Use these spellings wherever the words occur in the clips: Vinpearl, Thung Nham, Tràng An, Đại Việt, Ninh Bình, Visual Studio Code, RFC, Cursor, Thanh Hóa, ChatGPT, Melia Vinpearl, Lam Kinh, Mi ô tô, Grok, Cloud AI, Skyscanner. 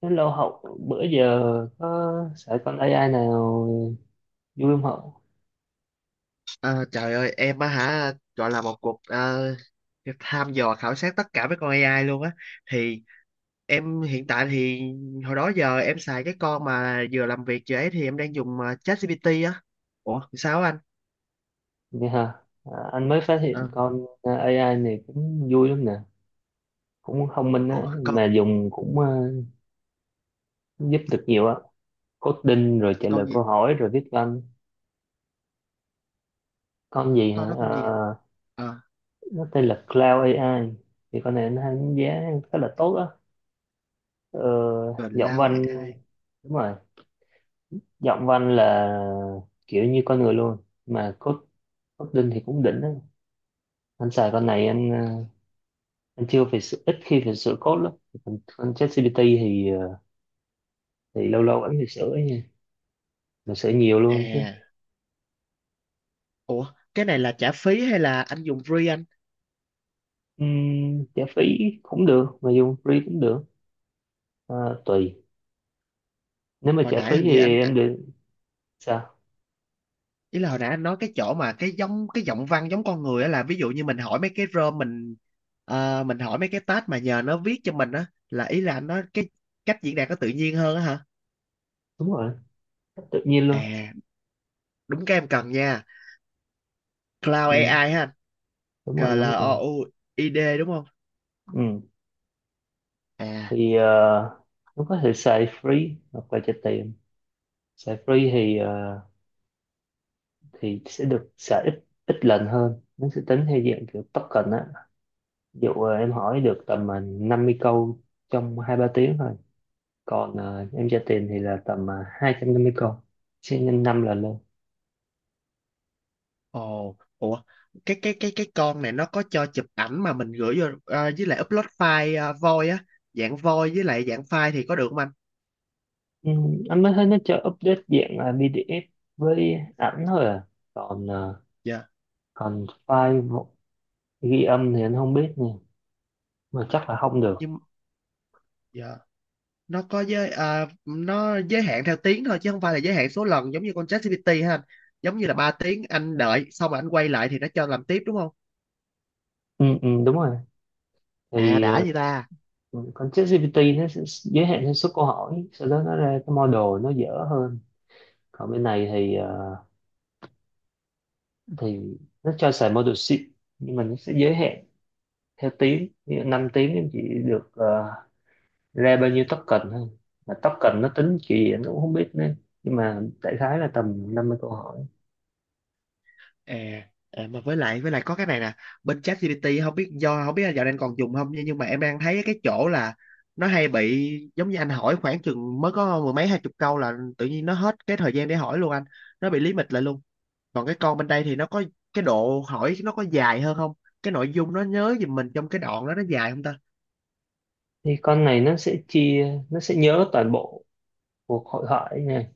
Lâu Hậu, bữa giờ có sợ con AI nào vui không Hậu? Ờ, Trời ơi, em á hả, gọi là một cuộc tham dò khảo sát tất cả mấy con AI luôn á. Thì em hiện tại thì hồi đó giờ em xài cái con mà vừa làm việc vừa ấy, thì em đang dùng ChatGPT á. Ủa sao á anh? Vậy hả? À, anh mới phát hiện Ờ, con AI này cũng vui lắm nè, cũng thông minh á, ủa con mà dùng cũng giúp được nhiều á. Coding rồi trả lời con câu gì? hỏi rồi viết văn. Con gì hả? Con đó con gì? Ờ, ờ nó tên là Cloud AI. Thì con này nó đánh giá khá là tốt á. Ờ, giọng Lao văn, AI đúng rồi, giọng văn là kiểu như con người luôn. Mà Coding thì cũng đỉnh á. Anh xài con này anh chưa phải sửa, ít khi phải sửa code lắm. Còn con ChatGPT thì lâu lâu vẫn phải sửa ấy nha, mà sửa nhiều luôn chứ. à? Ủa cái này là trả phí hay là anh dùng free anh? Trả phí cũng được mà dùng free cũng được, à, tùy. Nếu mà Hồi trả nãy phí hình như thì anh, em được. Sao? ý là hồi nãy anh nói cái chỗ mà cái giống cái giọng văn giống con người á, là ví dụ như mình hỏi mấy cái rơm mình, mình hỏi mấy cái tag mà nhờ nó viết cho mình á, là ý là anh nói cái cách diễn đạt nó tự nhiên hơn á hả? Đúng rồi, cách tự nhiên luôn. À, đúng cái em cần nha. Cloud Ừ, AI ha? đúng C rồi L đúng O rồi U I D đúng không? Ừ. À. Thì nó có thể xài free hoặc là trả tiền. Xài free thì sẽ được xài ít ít lần hơn, nó sẽ tính theo dạng kiểu token á. Ví dụ em hỏi được tầm 50 câu trong 2 3 tiếng thôi. Còn em tra tiền thì là tầm 250 câu, sẽ nhân 5 lần lên. Ồ, ủa, cái con này nó có cho chụp ảnh mà mình gửi vô, với lại upload file voi á, dạng voi với lại dạng file thì có được không anh? Ừ, anh mới thấy nó cho update dạng là PDF với ảnh thôi à. Còn Dạ. còn ghi âm thì anh không biết nha, mà chắc là không được. Nhưng, dạ, nó nó giới hạn theo tiếng thôi chứ không phải là giới hạn số lần giống như con ChatGPT ha anh? Giống như là 3 tiếng anh đợi xong rồi anh quay lại thì nó cho làm tiếp đúng không? Ừ, ừ, đúng rồi. À thì đã gì ta. ờ, con ChatGPT nó sẽ giới hạn theo số câu hỏi, sau đó nó ra cái model nó dở hơn. Còn bên này thì thì nó cho xài model sheet, nhưng mà nó sẽ giới hạn theo tiếng. Ví dụ 5 tiếng em chỉ được ra bao nhiêu token thôi. Mà token nó tính kiểu gì em cũng không biết nữa, nhưng mà đại khái là tầm 50 câu hỏi. À, à, mà với lại có cái này nè. Bên ChatGPT không biết là dạo này anh còn dùng không, nhưng mà em đang thấy cái chỗ là nó hay bị giống như anh hỏi khoảng chừng mới có mười mấy hai chục câu là tự nhiên nó hết cái thời gian để hỏi luôn anh, nó bị lý mịch lại luôn. Còn cái con bên đây thì nó có cái độ hỏi nó có dài hơn không? Cái nội dung nó nhớ giùm mình trong cái đoạn đó nó dài không ta? Thì con này nó sẽ chia, nó sẽ nhớ toàn bộ cuộc hội thoại nha.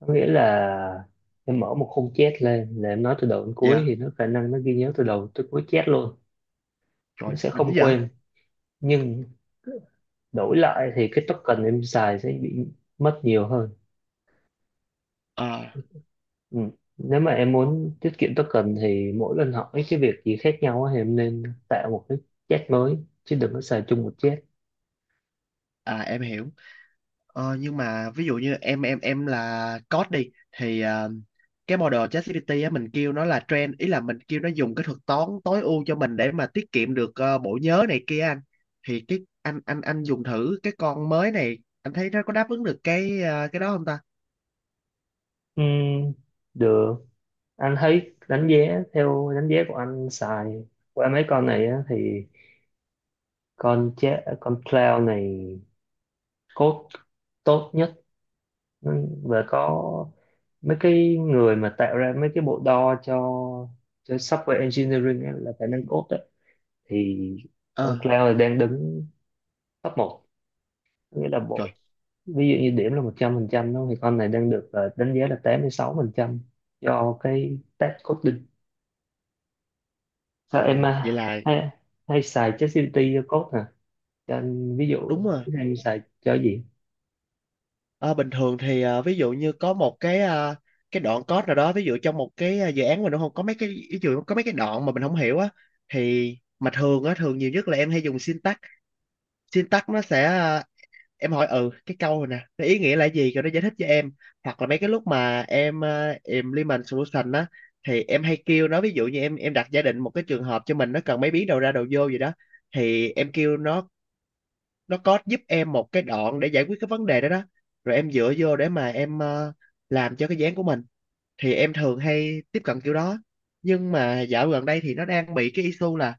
Có nghĩa là em mở một khung chat lên là em nói từ đầu đến cuối thì Dạ, nó khả năng nó ghi nhớ từ đầu tới cuối chat luôn. trời Nó sẽ đỉnh không vậy. quên, nhưng đổi lại thì cái token em xài sẽ bị mất nhiều hơn. Ờ. Ừ. Nếu mà em muốn tiết kiệm token thì mỗi lần hỏi cái việc gì khác nhau á thì em nên tạo một cái chat mới, chứ đừng có xài chung một chat. À em hiểu. Ờ, nhưng mà ví dụ như em là code đi thì, cái model ChatGPT á mình kêu nó là trend, ý là mình kêu nó dùng cái thuật toán tối ưu cho mình để mà tiết kiệm được bộ nhớ này kia anh. Thì cái anh dùng thử cái con mới này anh thấy nó có đáp ứng được cái đó không ta? Ừm, Được. Anh thấy đánh giá, theo đánh giá của anh xài qua mấy con này á, thì con cloud này code tốt nhất. Ừ, và có mấy cái người mà tạo ra mấy cái bộ đo cho software engineering á, là khả năng code á, thì con Ờ, cloud đang đứng top một. Nghĩa là bộ, trời, ví dụ như điểm là 100% đúng không? Thì con này đang được đánh giá là 86% do cái test coding. Sao em, ồ à, vậy là hay, hay xài ChatGPT cho code hả? Cho anh ví dụ đúng rồi. thử hay xài cho gì. Ờ, bình thường thì, ví dụ như có một cái đoạn code nào đó, ví dụ trong một dự án mình nó không có mấy cái ví dụ, có mấy cái đoạn mà mình không hiểu á. Thì mà thường á, thường nhiều nhất là em hay dùng syntax syntax nó sẽ, em hỏi ừ cái câu này nè nó ý nghĩa là gì rồi nó giải thích cho em. Hoặc là mấy cái lúc mà em implement solution á, thì em hay kêu nó, ví dụ như em đặt giả định một cái trường hợp cho mình, nó cần mấy biến đầu ra đầu vô gì đó, thì em kêu nó có giúp em một cái đoạn để giải quyết cái vấn đề đó đó. Rồi em dựa vô để mà em, làm cho cái dự án của mình. Thì em thường hay tiếp cận kiểu đó. Nhưng mà dạo gần đây thì nó đang bị cái issue là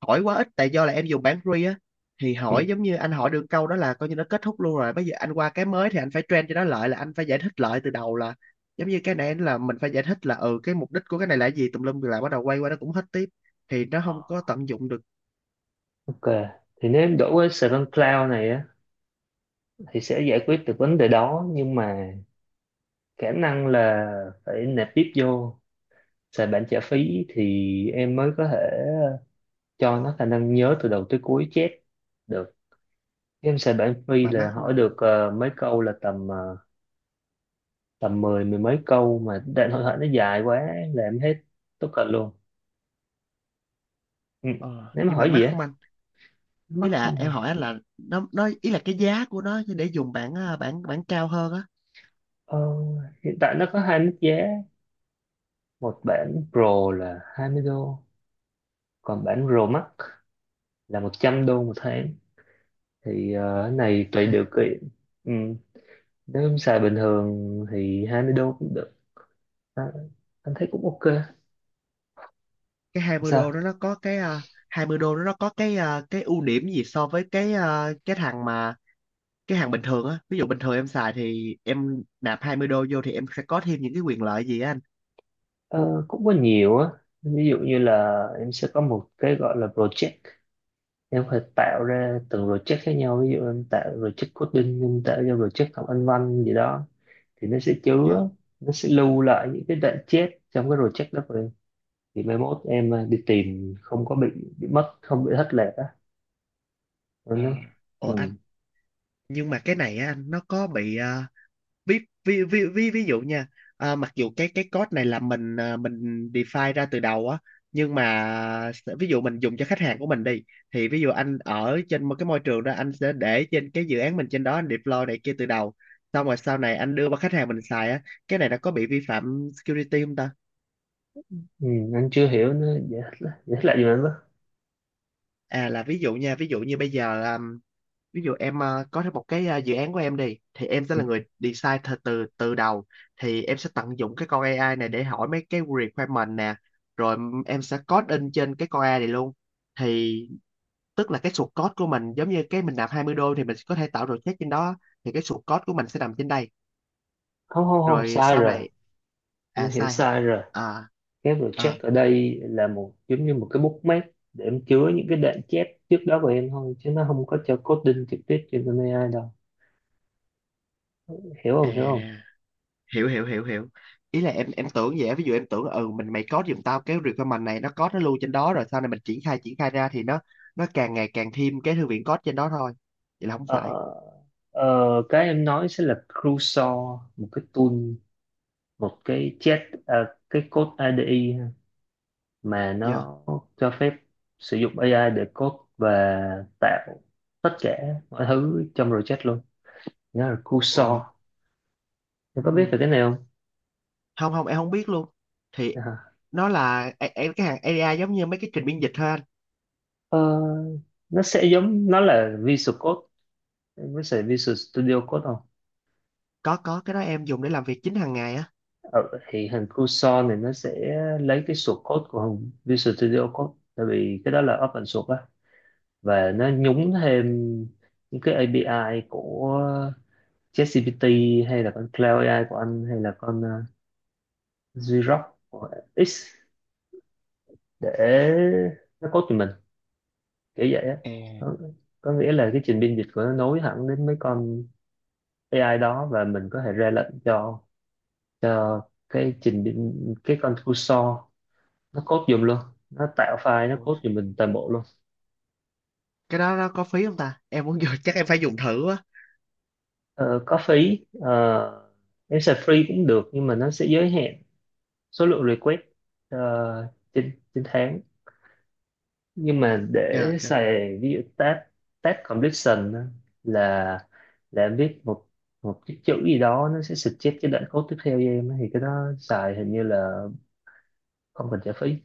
hỏi quá ít, tại do là em dùng bản free á. Thì Ừ. hỏi giống như anh hỏi được câu đó là coi như nó kết thúc luôn, rồi bây giờ anh qua cái mới thì anh phải train cho nó lại, là anh phải giải thích lại từ đầu, là giống như cái này là mình phải giải thích là ừ cái mục đích của cái này là cái gì tùm lum, rồi lại bắt đầu quay qua nó cũng hết tiếp, thì nó Ờ, không có tận dụng được. ok, thì nếu em đổi cái Cloud này á thì sẽ giải quyết được vấn đề đó, nhưng mà khả năng là phải nạp tiếp vô, xài bản trả phí thì em mới có thể cho nó khả năng nhớ từ đầu tới cuối chép được. Game xài bản Mà free mắc là không hỏi anh? được mấy câu là tầm tầm mười mười mấy câu, mà đại hội thoại nó dài quá là em hết tất cả luôn. Ừ. Ờ Nếu mà nhưng mà hỏi mắc gì á, không anh? Ý mắc là không à? em hỏi anh là nó ý là cái giá của nó để dùng bản ờ, bản bản cao hơn á. Ờ, hiện tại nó có hai mức giá. Một bản Pro là $20, còn bản Pro Max là $100 một tháng. Thì cái một này tùy điều ha- kiện. Ừ. Nếu em xài bình thường thì $20 cũng được, à, anh thấy cũng ok. cái 20 đô đó Sao? nó có 20 đô đó nó có cái ưu điểm gì so với cái thằng mà cái hàng bình thường á, ví dụ bình thường em xài thì em nạp 20 đô vô thì em sẽ có thêm những cái quyền lợi gì á anh? Ờ, cũng có nhiều á. Ví dụ như là em sẽ có một cái gọi là project. Em phải tạo ra từng project khác nhau, ví dụ em tạo project coding, em tạo ra project học anh văn gì đó, thì nó sẽ Dạ. chứa, nó sẽ lưu lại những cái đoạn chết trong cái project đó của em. Thì mai mốt em, à, đi tìm không có bị mất, không bị thất lạc á. Ờ. Anh nói. Ừ, Ủa anh, nhưng mà cái này á anh nó có bị, ví ví ví ví ví dụ nha, à, mặc dù cái code này là mình define ra từ đầu á, nhưng mà ví dụ mình dùng cho khách hàng của mình đi, thì ví dụ anh ở trên một cái môi trường đó anh sẽ để trên cái dự án mình trên đó anh deploy này kia từ đầu, xong rồi sau này anh đưa qua khách hàng mình xài á, cái này nó có bị vi phạm security không ta? ừ, anh chưa hiểu. Nó dễ thất lạc, gì mà anh nói. À là ví dụ nha, ví dụ như bây giờ à, ví dụ em có thêm một dự án của em đi thì em sẽ Ừ, là người design từ từ từ đầu, thì em sẽ tận dụng cái con AI này để hỏi mấy cái requirement nè, rồi em sẽ code in trên cái con AI này luôn. Thì tức là cái source code của mình, giống như cái mình nạp 20 đô thì mình có thể tạo project trên đó, thì cái source code của mình sẽ nằm trên đây, không không không rồi sai sau rồi. này, Anh à hiểu sai hả? sai rồi. À. Cái À, project ở đây là một, giống như một cái bookmark để em chứa những cái đoạn chép trước đó của em thôi, chứ nó không có cho coding trực tiếp trên con AI đâu. Hiểu à, không? Hiểu không? hiểu hiểu hiểu hiểu. Ý là em tưởng vậy á, ví dụ em tưởng là, ừ mình mày code giùm tao cái requirement này, nó code nó lưu trên đó rồi sau này mình triển khai ra thì nó càng ngày càng thêm cái thư viện code trên đó thôi. Vậy là không ờ, phải. Cái em nói sẽ là Cursor, một cái tool, một cái chat, à, cái code IDE ha, mà Giờ, nó cho phép sử dụng AI để code và tạo tất cả mọi thứ trong project luôn. Nó là ồ, Cursor. Em có biết về ừ. cái này không? Không, không, em không biết luôn. Thì À, nó là cái hàng AI giống như mấy cái trình biên dịch thôi anh. ờ, nó sẽ giống, nó là Visual Code. Em có xài Visual Studio Code không? Có, cái đó em dùng để làm việc chính hàng ngày á. Ờ, thì hình Cursor này nó sẽ lấy cái source code của hình Visual Studio Code, tại vì cái đó là open source á, và nó nhúng thêm những cái API của ChatGPT hay là con Cloud AI của anh, hay là con Grok của X, để nó code cho mình kiểu vậy á. À, có, có nghĩa là cái trình biên dịch của nó nối hẳn đến mấy con AI đó, và mình có thể ra lệnh cho cho cái trình biên cái con cursor nó code giùm luôn, nó tạo file, nó ôi. code giùm mình toàn bộ luôn. Cái đó nó có phí không ta, em muốn vô chắc em phải dùng thử á. Ờ, có phí. Ờ, em xài free cũng được, nhưng mà nó sẽ giới hạn số lượng request ờ, trên trên tháng. Nhưng mà để Dạ, dạ. xài ví dụ task, task completion á, là em viết một một cái chữ gì đó, nó sẽ suggest cái đoạn code tiếp theo cho em á, thì cái đó xài hình như là không cần trả phí.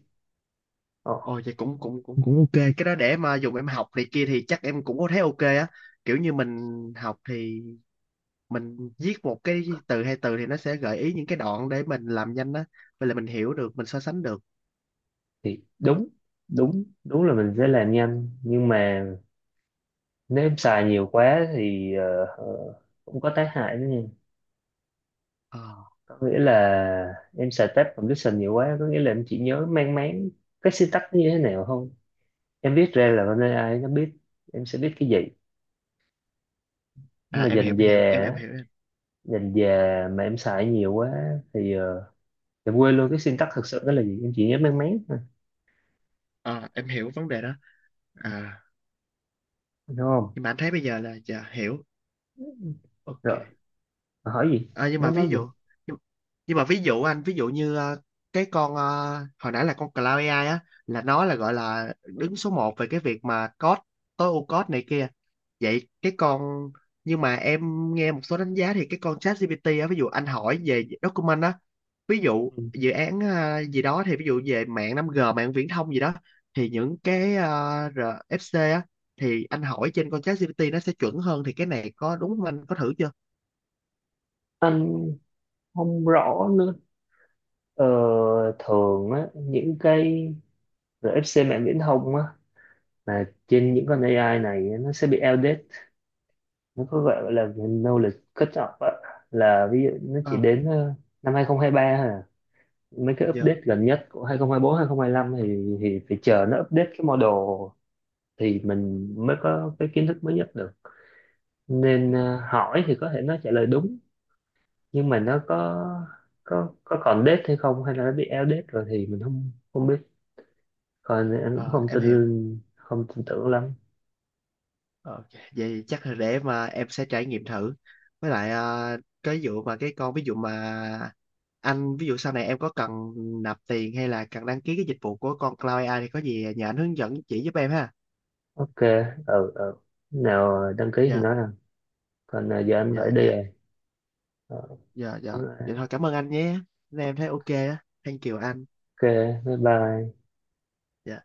Ờ, Ồ vậy cũng cũng cũng cũng ok, cái đó để mà dùng em học này kia thì chắc em cũng có thấy ok á. Kiểu như mình học thì mình viết một cái từ hay từ thì nó sẽ gợi ý những cái đoạn để mình làm nhanh á, vậy là mình hiểu được, mình so sánh được. thì đúng, đúng là mình sẽ làm nhanh, nhưng mà nếu em xài nhiều quá thì cũng có tác hại đó nha. Ờ. Có nghĩa là em xài tab condition nhiều quá có nghĩa là em chỉ nhớ mang máng cái syntax nó như thế nào không. Em viết ra là con AI nó biết em sẽ biết cái gì, nhưng À mà em hiểu dần em dà hiểu em á, hiểu em. dần dà mà em xài nhiều quá thì em quên luôn cái syntax thực sự đó là gì, em chỉ nhớ mang máng thôi. À, em hiểu vấn đề đó. À. Đúng không? Nhưng mà anh thấy bây giờ là dạ hiểu. Ok. Rồi, hỏi gì? Ờ, nhưng mà Mới ví nói dụ, gì? nhưng, nhưng mà ví dụ anh, ví dụ như, cái con, hồi nãy là con Cloud AI á, là nó là gọi là đứng số một về cái việc mà code tối ưu code này kia. Vậy cái con, nhưng mà em nghe một số đánh giá thì cái con ChatGPT á, ví dụ anh hỏi về document á, ví dụ Ừ. dự án gì đó, thì ví dụ về mạng 5G mạng viễn thông gì đó, thì những cái RFC á, thì anh hỏi trên con ChatGPT nó sẽ chuẩn hơn, thì cái này có đúng không, anh có thử chưa? Anh không rõ nữa. Ờ, thường á những cái rồi FC mạng viễn thông á, là trên những con AI này á, nó sẽ bị outdated. Nó có gọi là knowledge cut off á, là ví dụ nó Ờ, chỉ đến năm 2023 thôi à. Mấy cái dạ, update gần nhất của 2024 2025 thì phải chờ nó update cái model thì mình mới có cái kiến thức mới nhất được. Nên dạ. hỏi thì có thể nó trả lời đúng, nhưng mà nó có còn date hay không hay là nó bị outdated rồi thì mình không, không biết. Còn anh cũng Ờ, không em tin, hiểu. không tin tưởng lắm. Ờ, ok. Vậy chắc là để mà em sẽ trải nghiệm thử. Với lại, cái vụ mà cái con ví dụ mà anh, ví dụ sau này em có cần nạp tiền hay là cần đăng ký cái dịch vụ của con Cloud AI thì có gì nhờ anh hướng dẫn chỉ giúp em ha. Ok, ừ, ừ, nào đăng ký thì Dạ, nói rằng. Còn giờ anh dạ, phải đi dạ, rồi. Ờ, dạ, dạ. ok, Vậy thôi cảm ơn anh nhé. Nên em thấy ok á. Thank you anh. bye bye. Dạ.